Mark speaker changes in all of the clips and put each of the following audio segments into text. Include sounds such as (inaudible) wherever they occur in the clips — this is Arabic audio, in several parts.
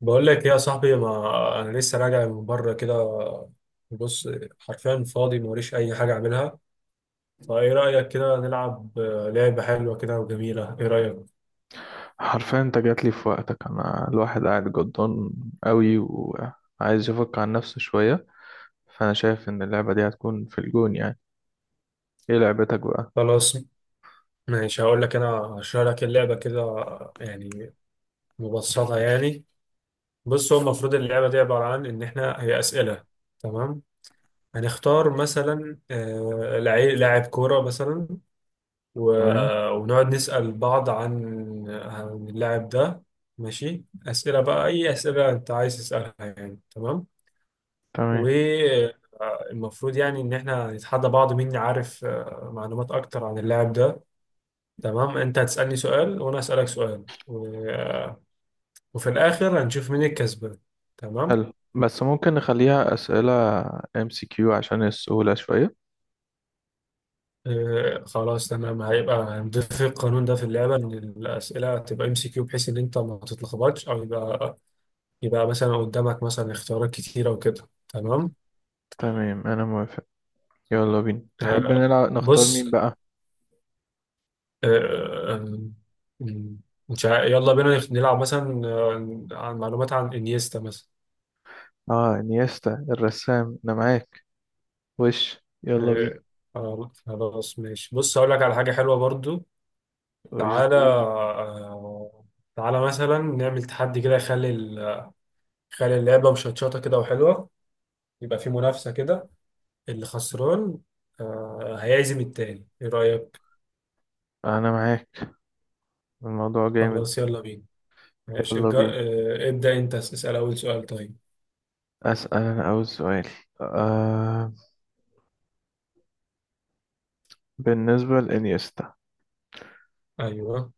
Speaker 1: بقول لك إيه يا صاحبي، ما انا لسه راجع من بره كده. بص، حرفيا فاضي موريش اي حاجه اعملها. فايه رايك كده نلعب لعبه حلوه كده وجميله؟ ايه رايك؟
Speaker 2: حرفيا انت جاتلي في وقتك. انا الواحد قاعد جدان قوي وعايز يفك عن نفسه شوية، فانا شايف ان اللعبة دي هتكون في الجون يعني. ايه لعبتك بقى؟
Speaker 1: خلاص، ماشي، هقول لك انا، هشرح لك اللعبه كده، يعني مبسطه يعني. بص، هو المفروض اللعبه دي عباره عن ان احنا هي اسئله. تمام. هنختار مثلا لاعب كوره مثلا،
Speaker 2: تمام،
Speaker 1: ونقعد نسأل بعض عن اللاعب ده. ماشي، أسئلة بقى، أي أسئلة أنت عايز تسألها يعني، تمام.
Speaker 2: تمام.
Speaker 1: والمفروض يعني إن إحنا نتحدى بعض مين يعرف معلومات أكتر عن اللاعب ده. تمام، أنت هتسألني سؤال وأنا أسألك سؤال وفي الآخر هنشوف مين الكسبان. تمام.
Speaker 2: حلو، بس ممكن نخليها اسئلة ام سي كيو عشان السهولة شوية.
Speaker 1: خلاص، تمام، هيبقى هنضيف القانون ده في اللعبة إن الأسئلة تبقى ام سي كيو، بحيث إن أنت ما تتلخبطش، أو يبقى مثلا قدامك مثلا اختيارات كتيرة وكده، تمام.
Speaker 2: تمام، انا موافق، يلا بينا. تحب
Speaker 1: آه
Speaker 2: نلعب نختار
Speaker 1: بص.
Speaker 2: مين بقى؟
Speaker 1: آه آه، مش عا- يلا بينا نلعب مثلا عن معلومات عن انيستا مثلا.
Speaker 2: اه، انيستا الرسام، انا معاك. وش؟ يلا
Speaker 1: آه
Speaker 2: بينا.
Speaker 1: خلاص، ماشي، بص، هقول لك على حاجة حلوة برضو.
Speaker 2: وش
Speaker 1: تعالى،
Speaker 2: جيني؟
Speaker 1: تعالى مثلا نعمل تحدي كده يخلي يخلي اللعبة مشطشطة كده وحلوة، يبقى في منافسة كده، اللي خسران هيعزم التاني. ايه رأيك؟
Speaker 2: انا معاك، الموضوع جامد.
Speaker 1: خلاص، يلا بينا. ماشي،
Speaker 2: يلا
Speaker 1: جا...
Speaker 2: بينا.
Speaker 1: آه، ابدأ أنت، اسأل أول سؤال طيب.
Speaker 2: اسأل انا اول سؤال. آه بالنسبة لإنيستا،
Speaker 1: أيوه.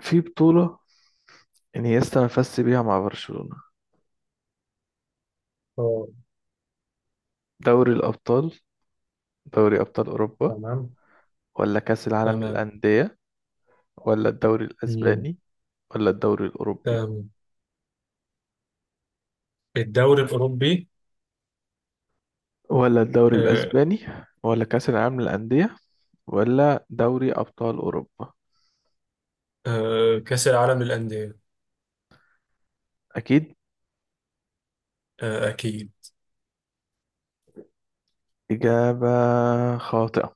Speaker 2: في بطولة إنيستا مفز بيها مع برشلونة؟
Speaker 1: أه.
Speaker 2: دوري الأبطال، دوري أبطال أوروبا،
Speaker 1: تمام.
Speaker 2: ولا كأس العالم
Speaker 1: تمام.
Speaker 2: للأندية، ولا الدوري
Speaker 1: مم.
Speaker 2: الأسباني، ولا الدوري الأوروبي،
Speaker 1: تمام. الدوري الأوروبي.
Speaker 2: ولا الدوري
Speaker 1: آه،
Speaker 2: الأسباني، ولا كأس العالم للأندية، ولا دوري أبطال أوروبا؟
Speaker 1: كأس العالم للأندية.
Speaker 2: أكيد.
Speaker 1: أكيد.
Speaker 2: إجابة خاطئة.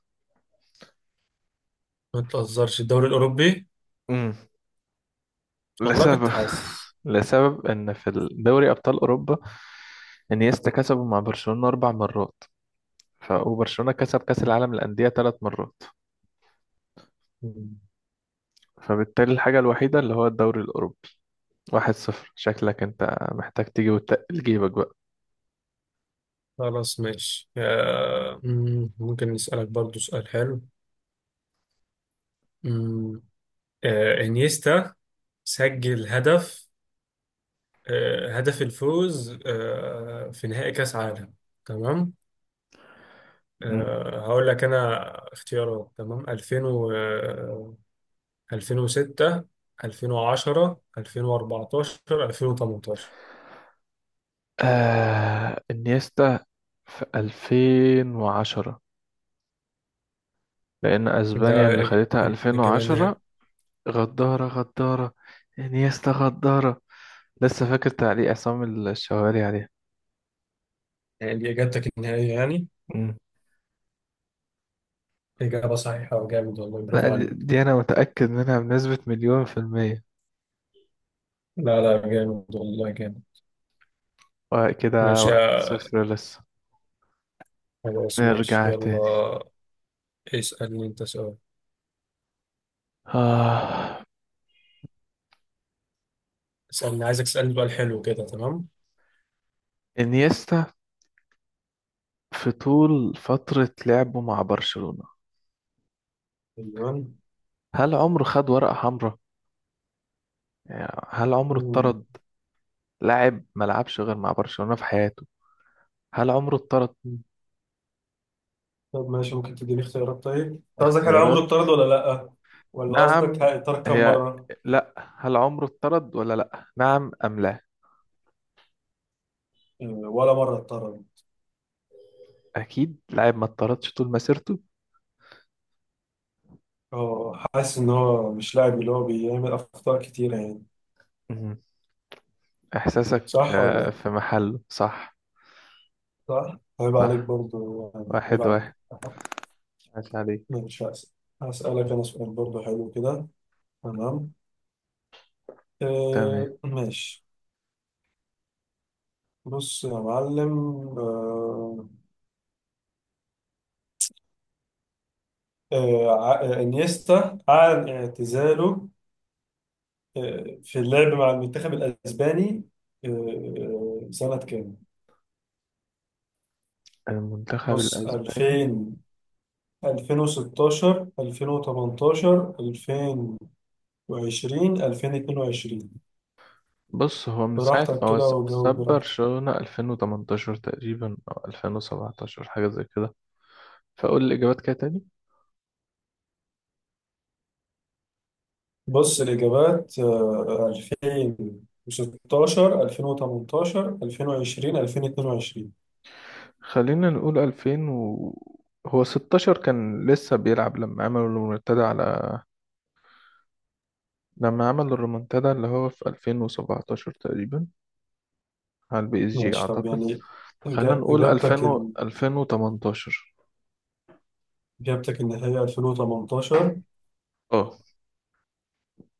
Speaker 1: ما تهزرش. الدوري الأوروبي.
Speaker 2: مم.
Speaker 1: والله كنت
Speaker 2: لسبب (laughs)
Speaker 1: حاسس.
Speaker 2: لسبب إن في دوري أبطال أوروبا إنيستا كسبوا مع برشلونة أربع مرات، ف وبرشلونة كسب كأس العالم للأندية ثلاث مرات.
Speaker 1: مم.
Speaker 2: فبالتالي الحاجة الوحيدة اللي هو الدوري الأوروبي. واحد صفر، شكلك أنت محتاج تيجي وتقل جيبك بقى.
Speaker 1: خلاص، ماشي، ممكن نسألك برضو سؤال حلو. مم. إنيستا سجل هدف، هدف الفوز في نهائي كأس عالم، تمام.
Speaker 2: مم.
Speaker 1: هقول لك انا اختيارات. تمام، 2000 و 2006، 2010، 2014، 2018.
Speaker 2: آه، انيستا في 2010، لأن أسبانيا
Speaker 1: ده
Speaker 2: اللي
Speaker 1: الإج-
Speaker 2: خدتها
Speaker 1: الإجابة النهائية؟
Speaker 2: 2010. غدارة غدارة، انيستا غدارة، لسه فاكر تعليق عصام الشوالي عليها.
Speaker 1: يعني دي إجابتك النهائية يعني؟
Speaker 2: مم.
Speaker 1: إجابة صحيحة وجامد، والله
Speaker 2: لا،
Speaker 1: برافو
Speaker 2: دي,
Speaker 1: عليك.
Speaker 2: دي أنا متأكد منها بنسبة مليون في المية.
Speaker 1: لا، لا، جامد والله، جامد.
Speaker 2: وكده
Speaker 1: ماشي،
Speaker 2: واحد صفر لسه.
Speaker 1: خلاص، ماشي،
Speaker 2: نرجع تاني.
Speaker 1: يلا، اسألني أنت سؤال.
Speaker 2: آه،
Speaker 1: اسألني، عايزك تسألني سؤال حلو كده، تمام.
Speaker 2: انيستا في طول فترة لعبه مع برشلونة،
Speaker 1: تمام.
Speaker 2: هل عمره خد ورقة حمراء؟ يعني هل عمره اتطرد؟ لاعب ما لعبش غير مع برشلونة في حياته، هل عمره اتطرد؟
Speaker 1: طب ماشي، ممكن تديني اختيارات طيب أنت؟ قصدك هل عمره
Speaker 2: الاختيارات:
Speaker 1: اتطرد ولا لأ؟ ولا قصدك
Speaker 2: نعم،
Speaker 1: اتطرد كم
Speaker 2: هي،
Speaker 1: مرة؟
Speaker 2: لا. هل عمره اتطرد ولا لا؟ نعم أم لا؟
Speaker 1: ولا مرة اتطرد.
Speaker 2: أكيد لاعب ما اتطردش طول مسيرته.
Speaker 1: اه، حاسس ان هو مش لاعب اللي هو بيعمل اخطاء كتيرة يعني.
Speaker 2: مهم. إحساسك
Speaker 1: صح ولا لأ؟
Speaker 2: في محله. صح؟
Speaker 1: صح، عيب عليك
Speaker 2: صح.
Speaker 1: برضو يعني، عيب
Speaker 2: واحد
Speaker 1: عليك
Speaker 2: واحد،
Speaker 1: (laughs)
Speaker 2: عاش عليك.
Speaker 1: ماشي، هسألك انا سؤال برضو حلو كده، تمام.
Speaker 2: تمام.
Speaker 1: آه، ماشي. بص يا معلم. آه انيستا اعلن اعتزاله في اللعب مع المنتخب الأسباني سنة كام؟
Speaker 2: المنتخب
Speaker 1: بص،
Speaker 2: الأسباني؟
Speaker 1: 2000، 2016، 2018، 2020، 2022.
Speaker 2: بص هو من ساعة
Speaker 1: براحتك
Speaker 2: هو
Speaker 1: كده وجاوب
Speaker 2: ساب
Speaker 1: براحتك.
Speaker 2: برشلونة 2018 تقريبا أو 2017، حاجة زي كده. فأقول الإجابات كده تاني.
Speaker 1: بص، الإجابات 2016، 2018، 2020، 2022.
Speaker 2: خلينا نقول هو 16 كان لسه بيلعب لما عمل الريمونتادا على، لما عمل الريمونتادا اللي هو في 2017 تقريبا على البي اس جي
Speaker 1: ماشي، طب
Speaker 2: أعتقد.
Speaker 1: يعني
Speaker 2: خلينا
Speaker 1: إجا-
Speaker 2: نقول 2000
Speaker 1: إجابتك
Speaker 2: و...
Speaker 1: ال-
Speaker 2: 2018.
Speaker 1: إجابتك النهائية 2018؟
Speaker 2: اه،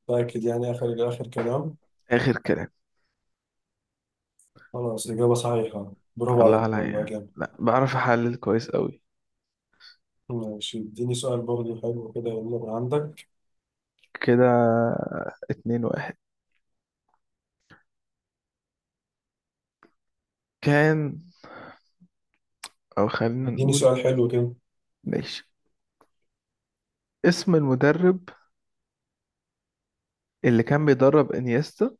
Speaker 1: متأكد؟ يعني آخر آخر كلام.
Speaker 2: آخر كلام.
Speaker 1: خلاص، إجابة صحيحة، برافو
Speaker 2: الله
Speaker 1: عليك والله،
Speaker 2: عليا،
Speaker 1: جامد.
Speaker 2: لا بعرف أحلل كويس أوي
Speaker 1: ماشي، اديني سؤال برضه حلو كده، يلا من عندك.
Speaker 2: كده. اتنين واحد كان. أو خلينا
Speaker 1: اديني
Speaker 2: نقول،
Speaker 1: سؤال حلو كده.
Speaker 2: ماشي. اسم المدرب اللي كان بيدرب انيستا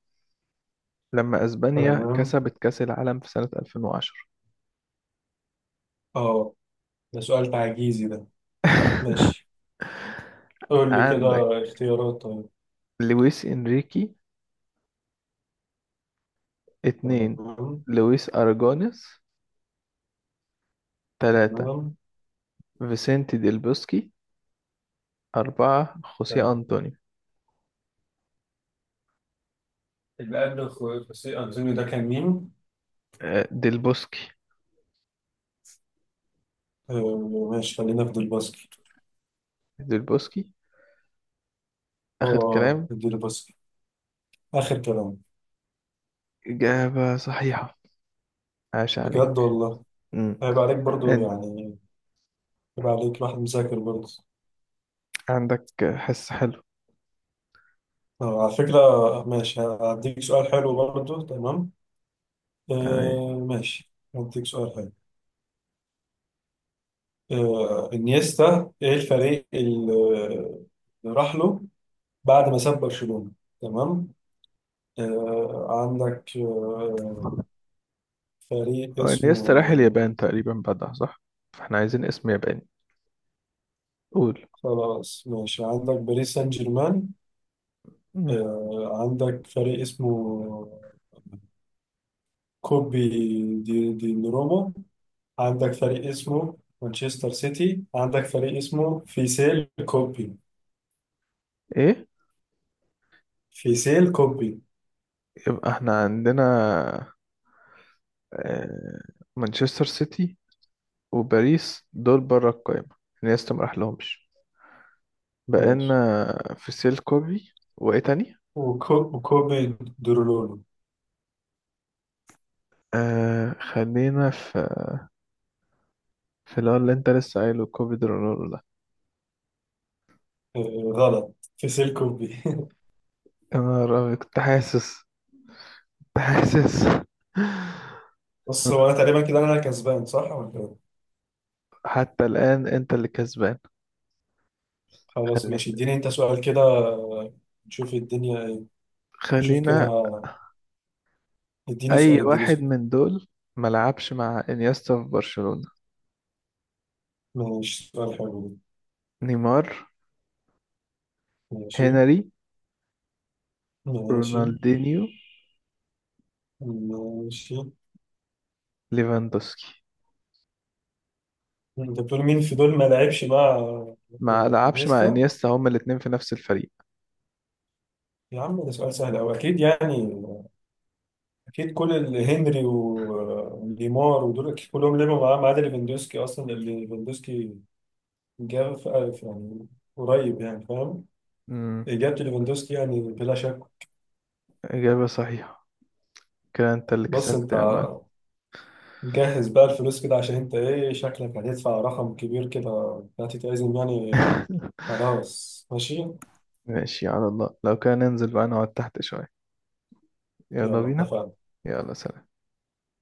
Speaker 2: لما اسبانيا
Speaker 1: تمام.
Speaker 2: كسبت كأس العالم في سنة 2010؟
Speaker 1: اه، ده سؤال تعجيزي ده.
Speaker 2: (laughs)
Speaker 1: ماشي. قول لي
Speaker 2: عندك
Speaker 1: كده اختيارات طيب.
Speaker 2: لويس انريكي، اتنين
Speaker 1: تمام.
Speaker 2: لويس اراجونيس، تلاتة
Speaker 1: تمام.
Speaker 2: فيسنتي ديل بوسكي، أربعة خوسيه
Speaker 1: تمام.
Speaker 2: أنطونيو.
Speaker 1: اللي قبل خوسيه أنطونيو ده كان مين؟
Speaker 2: ديل بوسكي.
Speaker 1: آه، ماشي، خلينا في الباسكت.
Speaker 2: ديل بوسكي، آخر
Speaker 1: اه،
Speaker 2: كلام.
Speaker 1: دي الباسكت، آخر كلام.
Speaker 2: إجابة صحيحة، عاش
Speaker 1: بجد
Speaker 2: عليك.
Speaker 1: والله.
Speaker 2: مم.
Speaker 1: هيبقى عليك برضه
Speaker 2: أنت
Speaker 1: يعني، هيبقى عليك واحد مذاكر برضه.
Speaker 2: عندك حس حلو.
Speaker 1: طب على فكرة، ماشي، هديك سؤال حلو برضو، تمام.
Speaker 2: تمام.
Speaker 1: آه، ماشي، هديك سؤال حلو. آه، انيستا ايه الفريق اللي راح له بعد ما ساب برشلونة؟ تمام. آه، عندك، آه، فريق
Speaker 2: هو انيستا راح
Speaker 1: اسمه،
Speaker 2: اليابان تقريبا بعدها صح؟ فاحنا عايزين اسم ياباني. قول.
Speaker 1: خلاص، ماشي، عندك باريس سان جيرمان.
Speaker 2: مم.
Speaker 1: آه، عندك فريق اسمه كوبي دي روما. عندك فريق اسمه مانشستر سيتي. عندك فريق اسمه فيسيل كوبي.
Speaker 2: ايه؟
Speaker 1: فيسيل كوبي.
Speaker 2: يبقى احنا عندنا، آه، مانشستر سيتي وباريس دول بره القايمة، انيستا ما راحلهمش.
Speaker 1: ماشي،
Speaker 2: بقينا في سيل كوبي، وايه تاني؟
Speaker 1: وكوبي درولولو.
Speaker 2: آه، خلينا في، في اللي هو اللي انت لسه قايله كوبي درونولو ده.
Speaker 1: غلط، فيسيل كوبي (laughs)
Speaker 2: يا نهار أبيض، كنت حاسس، كنت حاسس. (laughs)
Speaker 1: بص، هو انا تقريبا كده انا كسبان، صح ولا إيه؟
Speaker 2: حتى الآن انت اللي كسبان.
Speaker 1: خلاص،
Speaker 2: خلي...
Speaker 1: ماشي، اديني انت سؤال كده، نشوف الدنيا ايه، نشوف كده.
Speaker 2: خلينا،
Speaker 1: اديني سؤال،
Speaker 2: اي
Speaker 1: اديني
Speaker 2: واحد
Speaker 1: سؤال.
Speaker 2: من دول ملعبش مع انيستا في برشلونة؟
Speaker 1: ماشي، سؤال حلو ده.
Speaker 2: نيمار،
Speaker 1: ماشي.
Speaker 2: هنري،
Speaker 1: ماشي.
Speaker 2: رونالدينيو،
Speaker 1: ماشي.
Speaker 2: ليفاندوسكي.
Speaker 1: انت بتقول مين في دول ما لعبش مع؟
Speaker 2: ما
Speaker 1: في
Speaker 2: لعبش مع
Speaker 1: انيستا.
Speaker 2: انيستا، هما الاتنين في نفس الفريق.
Speaker 1: يا عم، ده سؤال سهل او اكيد يعني. اكيد كل اللي هنري وليمار ودول أكيد كلهم لعبوا معاه ما عدا ليفاندوسكي، اصلا اللي ليفاندوسكي جاب في الف يعني، قريب يعني، فاهم.
Speaker 2: امم
Speaker 1: اجابه ليفاندوسكي يعني، بلا شك.
Speaker 2: إجابة صحيحة. كده انت اللي
Speaker 1: بص
Speaker 2: كسبت
Speaker 1: انت،
Speaker 2: يا مان.
Speaker 1: جهز بقى الفلوس كده عشان انت، ايه شكلك هتدفع رقم كبير كده، هتتعزم يعني.
Speaker 2: (laughs)
Speaker 1: خلاص، ماشي،
Speaker 2: ماشي، على الله لو كان ننزل بقى نقعد تحت شوية. يلا
Speaker 1: يلا
Speaker 2: بينا.
Speaker 1: اتفقنا.
Speaker 2: يلا، سلام.